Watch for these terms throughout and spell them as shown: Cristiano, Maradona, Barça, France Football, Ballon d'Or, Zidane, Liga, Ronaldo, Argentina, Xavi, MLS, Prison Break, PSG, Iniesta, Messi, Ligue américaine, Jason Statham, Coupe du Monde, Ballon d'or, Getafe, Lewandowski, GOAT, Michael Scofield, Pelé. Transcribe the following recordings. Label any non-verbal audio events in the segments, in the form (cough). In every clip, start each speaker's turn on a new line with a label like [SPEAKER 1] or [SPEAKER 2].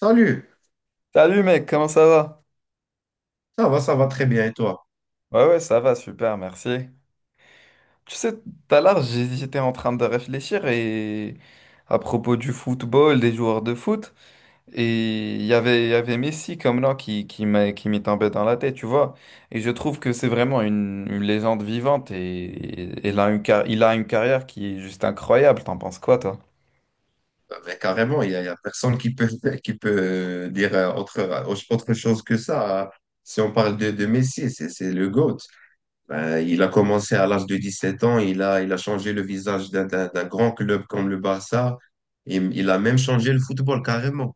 [SPEAKER 1] Salut,
[SPEAKER 2] Salut mec, comment ça va?
[SPEAKER 1] ça va très bien et toi?
[SPEAKER 2] Ouais, ça va, super, merci. Tu sais, tout à l'heure, j'étais en train de réfléchir et à propos du football, des joueurs de foot, et il y avait Messi comme nom qui m'est tombé dans la tête, tu vois. Et je trouve que c'est vraiment une légende vivante et il a il a une carrière qui est juste incroyable. T'en penses quoi, toi?
[SPEAKER 1] Bah, mais carrément, il y a personne qui peut, (laughs) qui peut dire autre, autre chose que ça, hein. Si on parle de Messi, c'est le GOAT. Ben il a commencé à l'âge de 17 ans, il a changé le visage d'un grand club comme le Barça, et il a même changé le football carrément.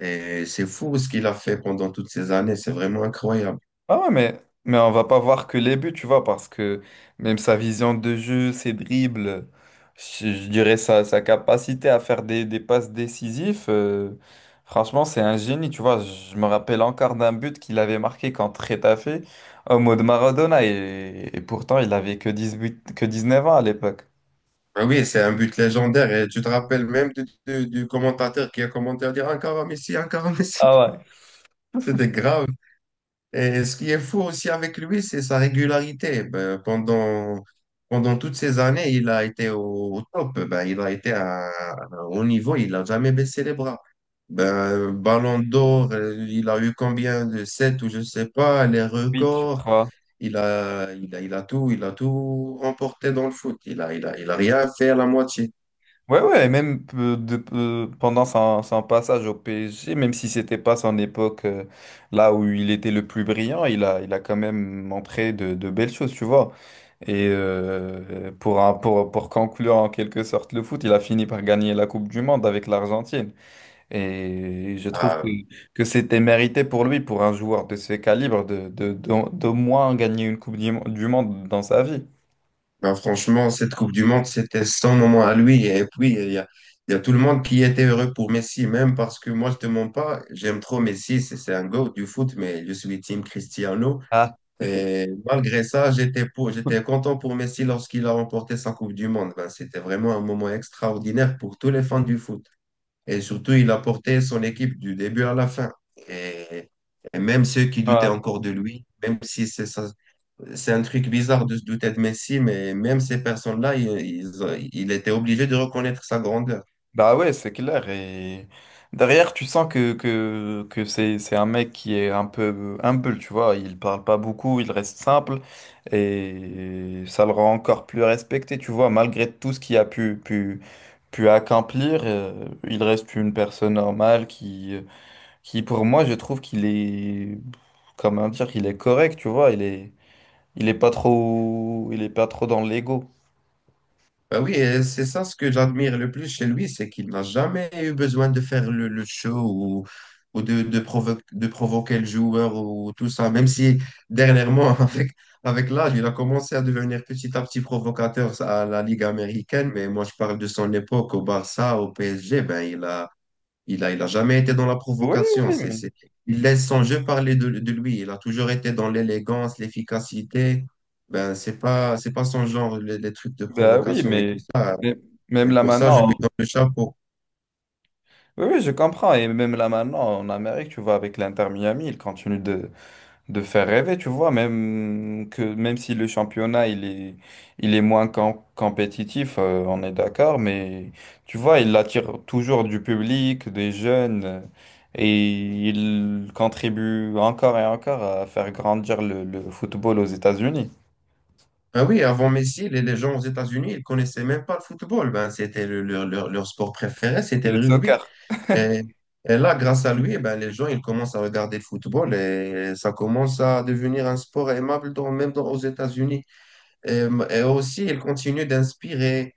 [SPEAKER 1] Et c'est fou ce qu'il a fait pendant toutes ces années. C'est vraiment incroyable.
[SPEAKER 2] Ah ouais, mais on va pas voir que les buts, tu vois, parce que même sa vision de jeu, ses dribbles, je dirais sa capacité à faire des passes décisives, franchement, c'est un génie, tu vois. Je me rappelle encore d'un but qu'il avait marqué contre Getafe au mode Maradona, et pourtant, il avait que 18, que 19 ans à l'époque.
[SPEAKER 1] Ah oui, c'est un but légendaire. Et tu te rappelles même du commentateur qui a commenté à dire: encore un Messi, encore un Messi.
[SPEAKER 2] Ah
[SPEAKER 1] (laughs)
[SPEAKER 2] ouais.
[SPEAKER 1] C'était
[SPEAKER 2] (laughs)
[SPEAKER 1] grave. Et ce qui est fou aussi avec lui, c'est sa régularité. Ben, pendant toutes ces années, il a été au top. Ben, il a été au niveau, il n'a jamais baissé les bras. Ben, Ballon d'or, il a eu combien de 7 ou je sais pas, les
[SPEAKER 2] 8, tu
[SPEAKER 1] records.
[SPEAKER 2] crois.
[SPEAKER 1] Il a tout remporté dans le foot. Il a rien fait à la moitié.
[SPEAKER 2] Ouais, ouais, et même pendant son passage au PSG, même si c'était pas son époque là où il était le plus brillant, il a quand même montré de belles choses, tu vois. Et pour conclure en quelque sorte le foot, il a fini par gagner la Coupe du Monde avec l'Argentine. Et je trouve que,
[SPEAKER 1] Ah,
[SPEAKER 2] que c'était mérité pour lui, pour un joueur de ce calibre, d'au moins gagner une du Monde dans sa vie.
[SPEAKER 1] ben franchement, cette Coupe du Monde, c'était son moment à lui. Et puis, il y a tout le monde qui était heureux pour Messi, même parce que moi, je te mens pas, j'aime trop Messi, c'est un go du foot, mais je suis team Cristiano.
[SPEAKER 2] Ah.
[SPEAKER 1] Et malgré ça, j'étais content pour Messi lorsqu'il a remporté sa Coupe du Monde. Ben, c'était vraiment un moment extraordinaire pour tous les fans du foot. Et surtout, il a porté son équipe du début à la fin. Et, et même ceux qui
[SPEAKER 2] (laughs)
[SPEAKER 1] doutaient
[SPEAKER 2] Ouais.
[SPEAKER 1] encore de lui, même si c'est sa, c'est un truc bizarre de se douter de Messi, mais même ces personnes-là, il était obligé de reconnaître sa grandeur.
[SPEAKER 2] Bah ouais, c'est clair. Et derrière, tu sens que c'est un mec qui est un peu humble, tu vois. Il parle pas beaucoup, il reste simple. Et ça le rend encore plus respecté, tu vois. Malgré tout ce qu'il a pu accomplir, il reste une personne normale qui pour moi, je trouve qu'il est, comment dire, qu'il est correct, tu vois. Il est pas trop, il est pas trop dans l'ego.
[SPEAKER 1] Bah oui, et c'est ça ce que j'admire le plus chez lui, c'est qu'il n'a jamais eu besoin de faire le show ou de provoquer le joueur ou tout ça. Même si dernièrement, (laughs) avec l'âge, il a commencé à devenir petit à petit provocateur à la Ligue américaine, mais moi je parle de son époque au Barça, au PSG, ben il a jamais été dans la
[SPEAKER 2] Oui,
[SPEAKER 1] provocation.
[SPEAKER 2] oui,
[SPEAKER 1] Il laisse son jeu parler de lui. Il a toujours été dans l'élégance, l'efficacité. Ben, c'est pas son genre, les trucs de
[SPEAKER 2] bah oui,
[SPEAKER 1] provocation et
[SPEAKER 2] mais
[SPEAKER 1] tout ça.
[SPEAKER 2] mais même
[SPEAKER 1] Et
[SPEAKER 2] là
[SPEAKER 1] pour ça, je lui
[SPEAKER 2] maintenant.
[SPEAKER 1] donne le chapeau.
[SPEAKER 2] Oui, oui, je comprends. Et même là maintenant, en Amérique, tu vois, avec l'Inter Miami, il continue de faire rêver, tu vois, même que même si le championnat il est moins compétitif, on est d'accord, mais tu vois, il attire toujours du public, des jeunes, et il contribue encore et encore à faire grandir le football aux États-Unis
[SPEAKER 1] Ah oui, avant Messi, les gens aux États-Unis, ils connaissaient même pas le football. Ben, c'était leur sport préféré,
[SPEAKER 2] et
[SPEAKER 1] c'était
[SPEAKER 2] le
[SPEAKER 1] le rugby.
[SPEAKER 2] soccer.
[SPEAKER 1] Et, et là, grâce à lui, ben, les gens, ils commencent à regarder le football et ça commence à devenir un sport aimable dans, aux États-Unis. Et aussi, elle continue d'inspirer.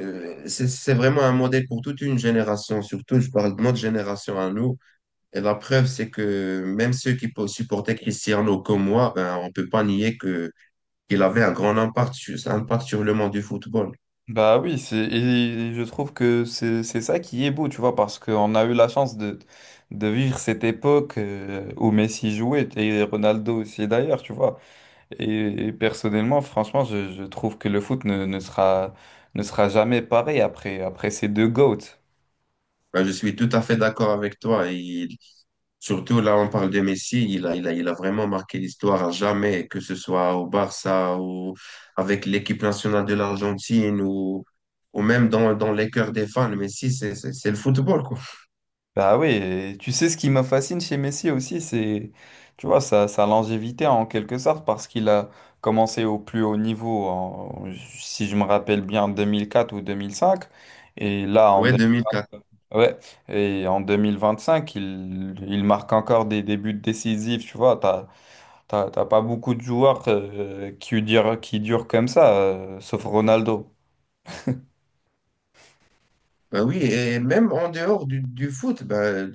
[SPEAKER 1] C'est vraiment un modèle pour toute une génération, surtout je parle de notre génération à nous. Et la preuve, c'est que même ceux qui supportaient Cristiano comme moi, ben, on peut pas nier que qu'il avait un grand un impact sur le monde du football.
[SPEAKER 2] Bah oui, c'est et je trouve que c'est ça qui est beau, tu vois, parce qu'on a eu la chance de vivre cette époque où Messi jouait et Ronaldo aussi d'ailleurs, tu vois. Et personnellement, franchement, je trouve que le foot ne sera jamais pareil après ces deux GOATs.
[SPEAKER 1] Ben, je suis tout à fait d'accord avec toi. Il, surtout là, on parle de Messi, il a vraiment marqué l'histoire à jamais, que ce soit au Barça ou avec l'équipe nationale de l'Argentine ou même dans les cœurs des fans. Messi, c'est le football, quoi.
[SPEAKER 2] Bah oui, et tu sais ce qui me fascine chez Messi aussi, c'est, tu vois, sa longévité en quelque sorte, parce qu'il a commencé au plus haut niveau, si je me rappelle bien, en 2004 ou 2005, et là,
[SPEAKER 1] Ouais, 2004.
[SPEAKER 2] ouais, et en 2025, il marque encore des buts décisifs, tu vois, t'as pas beaucoup de joueurs qui durent comme ça, sauf Ronaldo.
[SPEAKER 1] Ben oui, et même en dehors du foot, ben,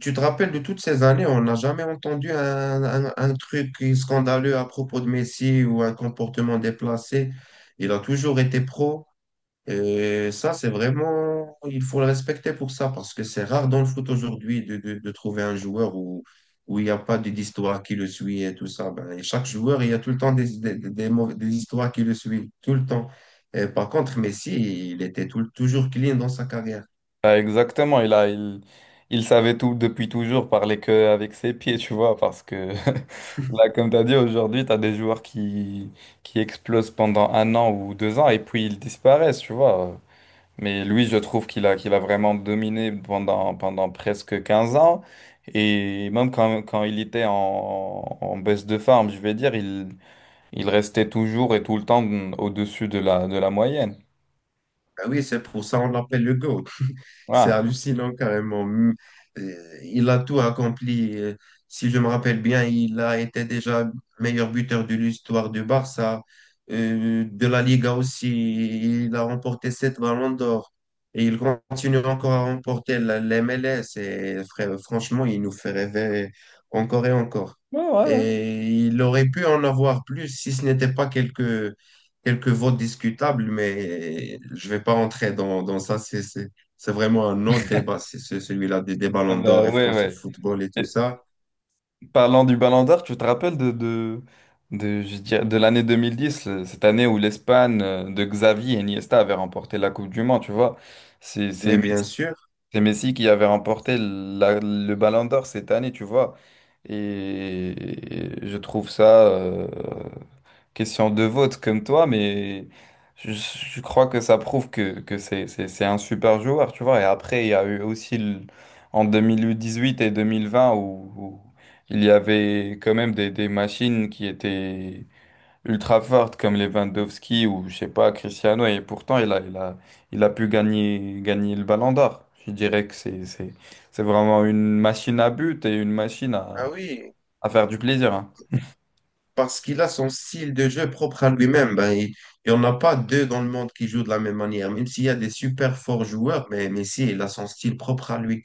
[SPEAKER 1] tu te rappelles de toutes ces années, on n'a jamais entendu un truc scandaleux à propos de Messi ou un comportement déplacé. Il a toujours été pro. Et ça, c'est vraiment, il faut le respecter pour ça, parce que c'est rare dans le foot aujourd'hui de trouver un joueur où, où il n'y a pas d'histoire qui le suit et tout ça. Ben, et chaque joueur, il y a tout le temps des histoires qui le suivent, tout le temps. Et par contre, Messi, il était toujours clean dans sa carrière.
[SPEAKER 2] Ah, exactement, il savait tout depuis toujours parler que avec ses pieds, tu vois, parce que (laughs) là, comme tu as dit, aujourd'hui, tu as des joueurs qui explosent pendant un an ou deux ans et puis ils disparaissent, tu vois. Mais lui, je trouve qu'il a vraiment dominé pendant presque 15 ans. Et même quand il était en baisse de forme, je vais dire, il restait toujours et tout le temps au-dessus de la moyenne.
[SPEAKER 1] Ben oui, c'est pour ça on l'appelle le GOAT. C'est
[SPEAKER 2] Voilà.
[SPEAKER 1] hallucinant carrément. Il a tout accompli. Si je me rappelle bien, il a été déjà meilleur buteur de l'histoire du Barça, de la Liga aussi. Il a remporté 7 ballons d'or. Et il continue encore à remporter la MLS. Et franchement, il nous fait rêver encore et encore.
[SPEAKER 2] Ouais, ouais, ouais.
[SPEAKER 1] Et il aurait pu en avoir plus si ce n'était pas quelques quelques votes discutables, mais je ne vais pas entrer dans ça. C'est vraiment un autre débat, c'est celui-là des Ballons
[SPEAKER 2] Bah,
[SPEAKER 1] d'Or et
[SPEAKER 2] ouais,
[SPEAKER 1] France
[SPEAKER 2] ouais.
[SPEAKER 1] Football et tout ça.
[SPEAKER 2] Parlant du Ballon d'Or, tu te rappelles je dirais, de l'année 2010, cette année où l'Espagne de Xavi et Iniesta avait remporté la Coupe du Monde, tu vois. C'est c'est
[SPEAKER 1] Mais bien
[SPEAKER 2] Messi,
[SPEAKER 1] sûr,
[SPEAKER 2] c'est Messi qui avait remporté le Ballon d'Or cette année, tu vois. Et, et je trouve ça, question de vote comme toi, mais je crois que ça prouve que c'est un super joueur, tu vois. Et après, il y a eu aussi en 2018 et 2020 où il y avait quand même des machines qui étaient ultra fortes comme Lewandowski ou je sais pas, Cristiano. Et pourtant, il a pu gagner le Ballon d'Or. Je dirais que c'est vraiment une machine à but et une machine à,
[SPEAKER 1] ah oui,
[SPEAKER 2] à faire du plaisir, hein.
[SPEAKER 1] parce qu'il a son style de jeu propre à lui-même. Ben, il n'y en a pas deux dans le monde qui jouent de la même manière, même s'il y a des super forts joueurs, mais Messi, il a son style propre à lui.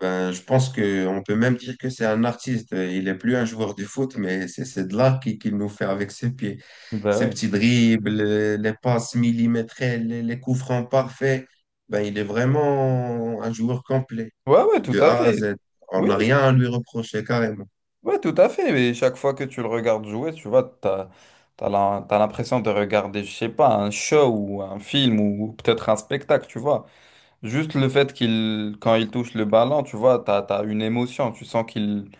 [SPEAKER 1] Ben, je pense qu'on peut même dire que c'est un artiste. Il n'est plus un joueur de foot, mais c'est de l'art qu'il nous fait avec ses pieds.
[SPEAKER 2] Bah
[SPEAKER 1] Ses
[SPEAKER 2] oui.
[SPEAKER 1] petits dribbles, les passes millimétrées, les coups francs parfaits. Ben, il est vraiment un joueur complet,
[SPEAKER 2] Ouais, ouais, tout
[SPEAKER 1] de
[SPEAKER 2] à
[SPEAKER 1] A à Z.
[SPEAKER 2] fait.
[SPEAKER 1] On
[SPEAKER 2] Oui,
[SPEAKER 1] n'a rien à lui reprocher, carrément.
[SPEAKER 2] ouais, tout à fait. Mais chaque fois que tu le regardes jouer, tu vois, t'as l'impression de regarder, je sais pas, un show ou un film ou peut-être un spectacle, tu vois. Juste le fait qu'il, quand il touche le ballon, tu vois, t'as une émotion. Tu sens qu'il,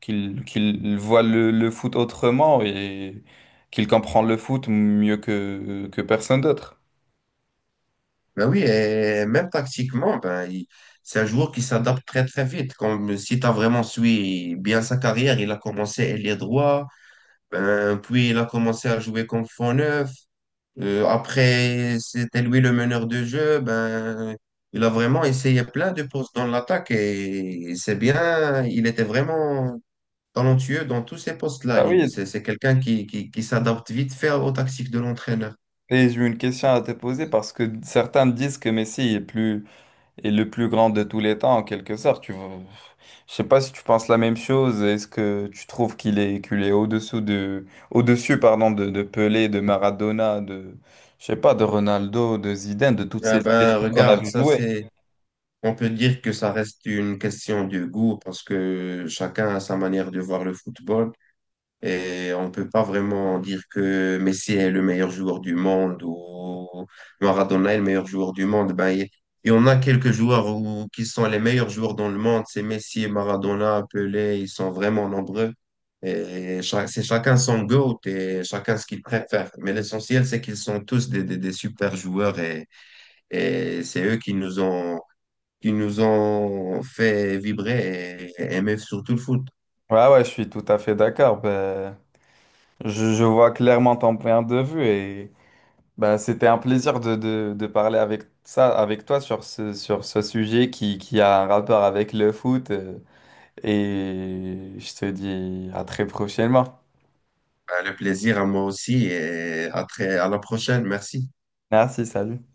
[SPEAKER 2] qu'il, qu'il voit le foot autrement et qu'il comprend le foot mieux que personne d'autre.
[SPEAKER 1] Ben oui, et même tactiquement, ben, c'est un joueur qui s'adapte très vite. Comme si tu as vraiment suivi bien sa carrière, il a commencé ailier droit, ben, puis il a commencé à jouer comme faux neuf. Après, c'était lui le meneur de jeu. Ben, il a vraiment essayé plein de postes dans l'attaque et c'est bien. Il était vraiment talentueux dans tous ces postes-là.
[SPEAKER 2] Bah
[SPEAKER 1] C'est
[SPEAKER 2] oui.
[SPEAKER 1] quelqu'un qui s'adapte vite fait aux tactiques de l'entraîneur.
[SPEAKER 2] Et j'ai une question à te poser parce que certains disent que Messi est plus Et le plus grand de tous les temps, en quelque sorte. Tu vois. Je sais pas si tu penses la même chose. Est-ce que tu trouves qu'il est au-dessous de, au-dessus, pardon, de Pelé, de Maradona, je sais pas, de Ronaldo, de Zidane, de toutes ces
[SPEAKER 1] Ben,
[SPEAKER 2] légendes qu'on a
[SPEAKER 1] regarde,
[SPEAKER 2] vu jouer?
[SPEAKER 1] on peut dire que ça reste une question de goût parce que chacun a sa manière de voir le football. Et on ne peut pas vraiment dire que Messi est le meilleur joueur du monde ou Maradona est le meilleur joueur du monde. Ben, il y en a quelques joueurs qui sont les meilleurs joueurs dans le monde. C'est Messi, Maradona, Pelé, ils sont vraiment nombreux. Et cha- c'est chacun son goût et chacun ce qu'il préfère. Mais l'essentiel, c'est qu'ils sont tous des super joueurs et c'est eux qui nous ont fait vibrer et aimer surtout le foot.
[SPEAKER 2] Ouais, ouais, je suis tout à fait d'accord. Ben, je vois clairement ton point de vue et ben, c'était un plaisir de parler avec ça, avec toi sur ce sujet qui a un rapport avec le foot. Et je te dis à très prochainement.
[SPEAKER 1] Ben, le plaisir à moi aussi et à très, à la prochaine. Merci.
[SPEAKER 2] Merci, salut.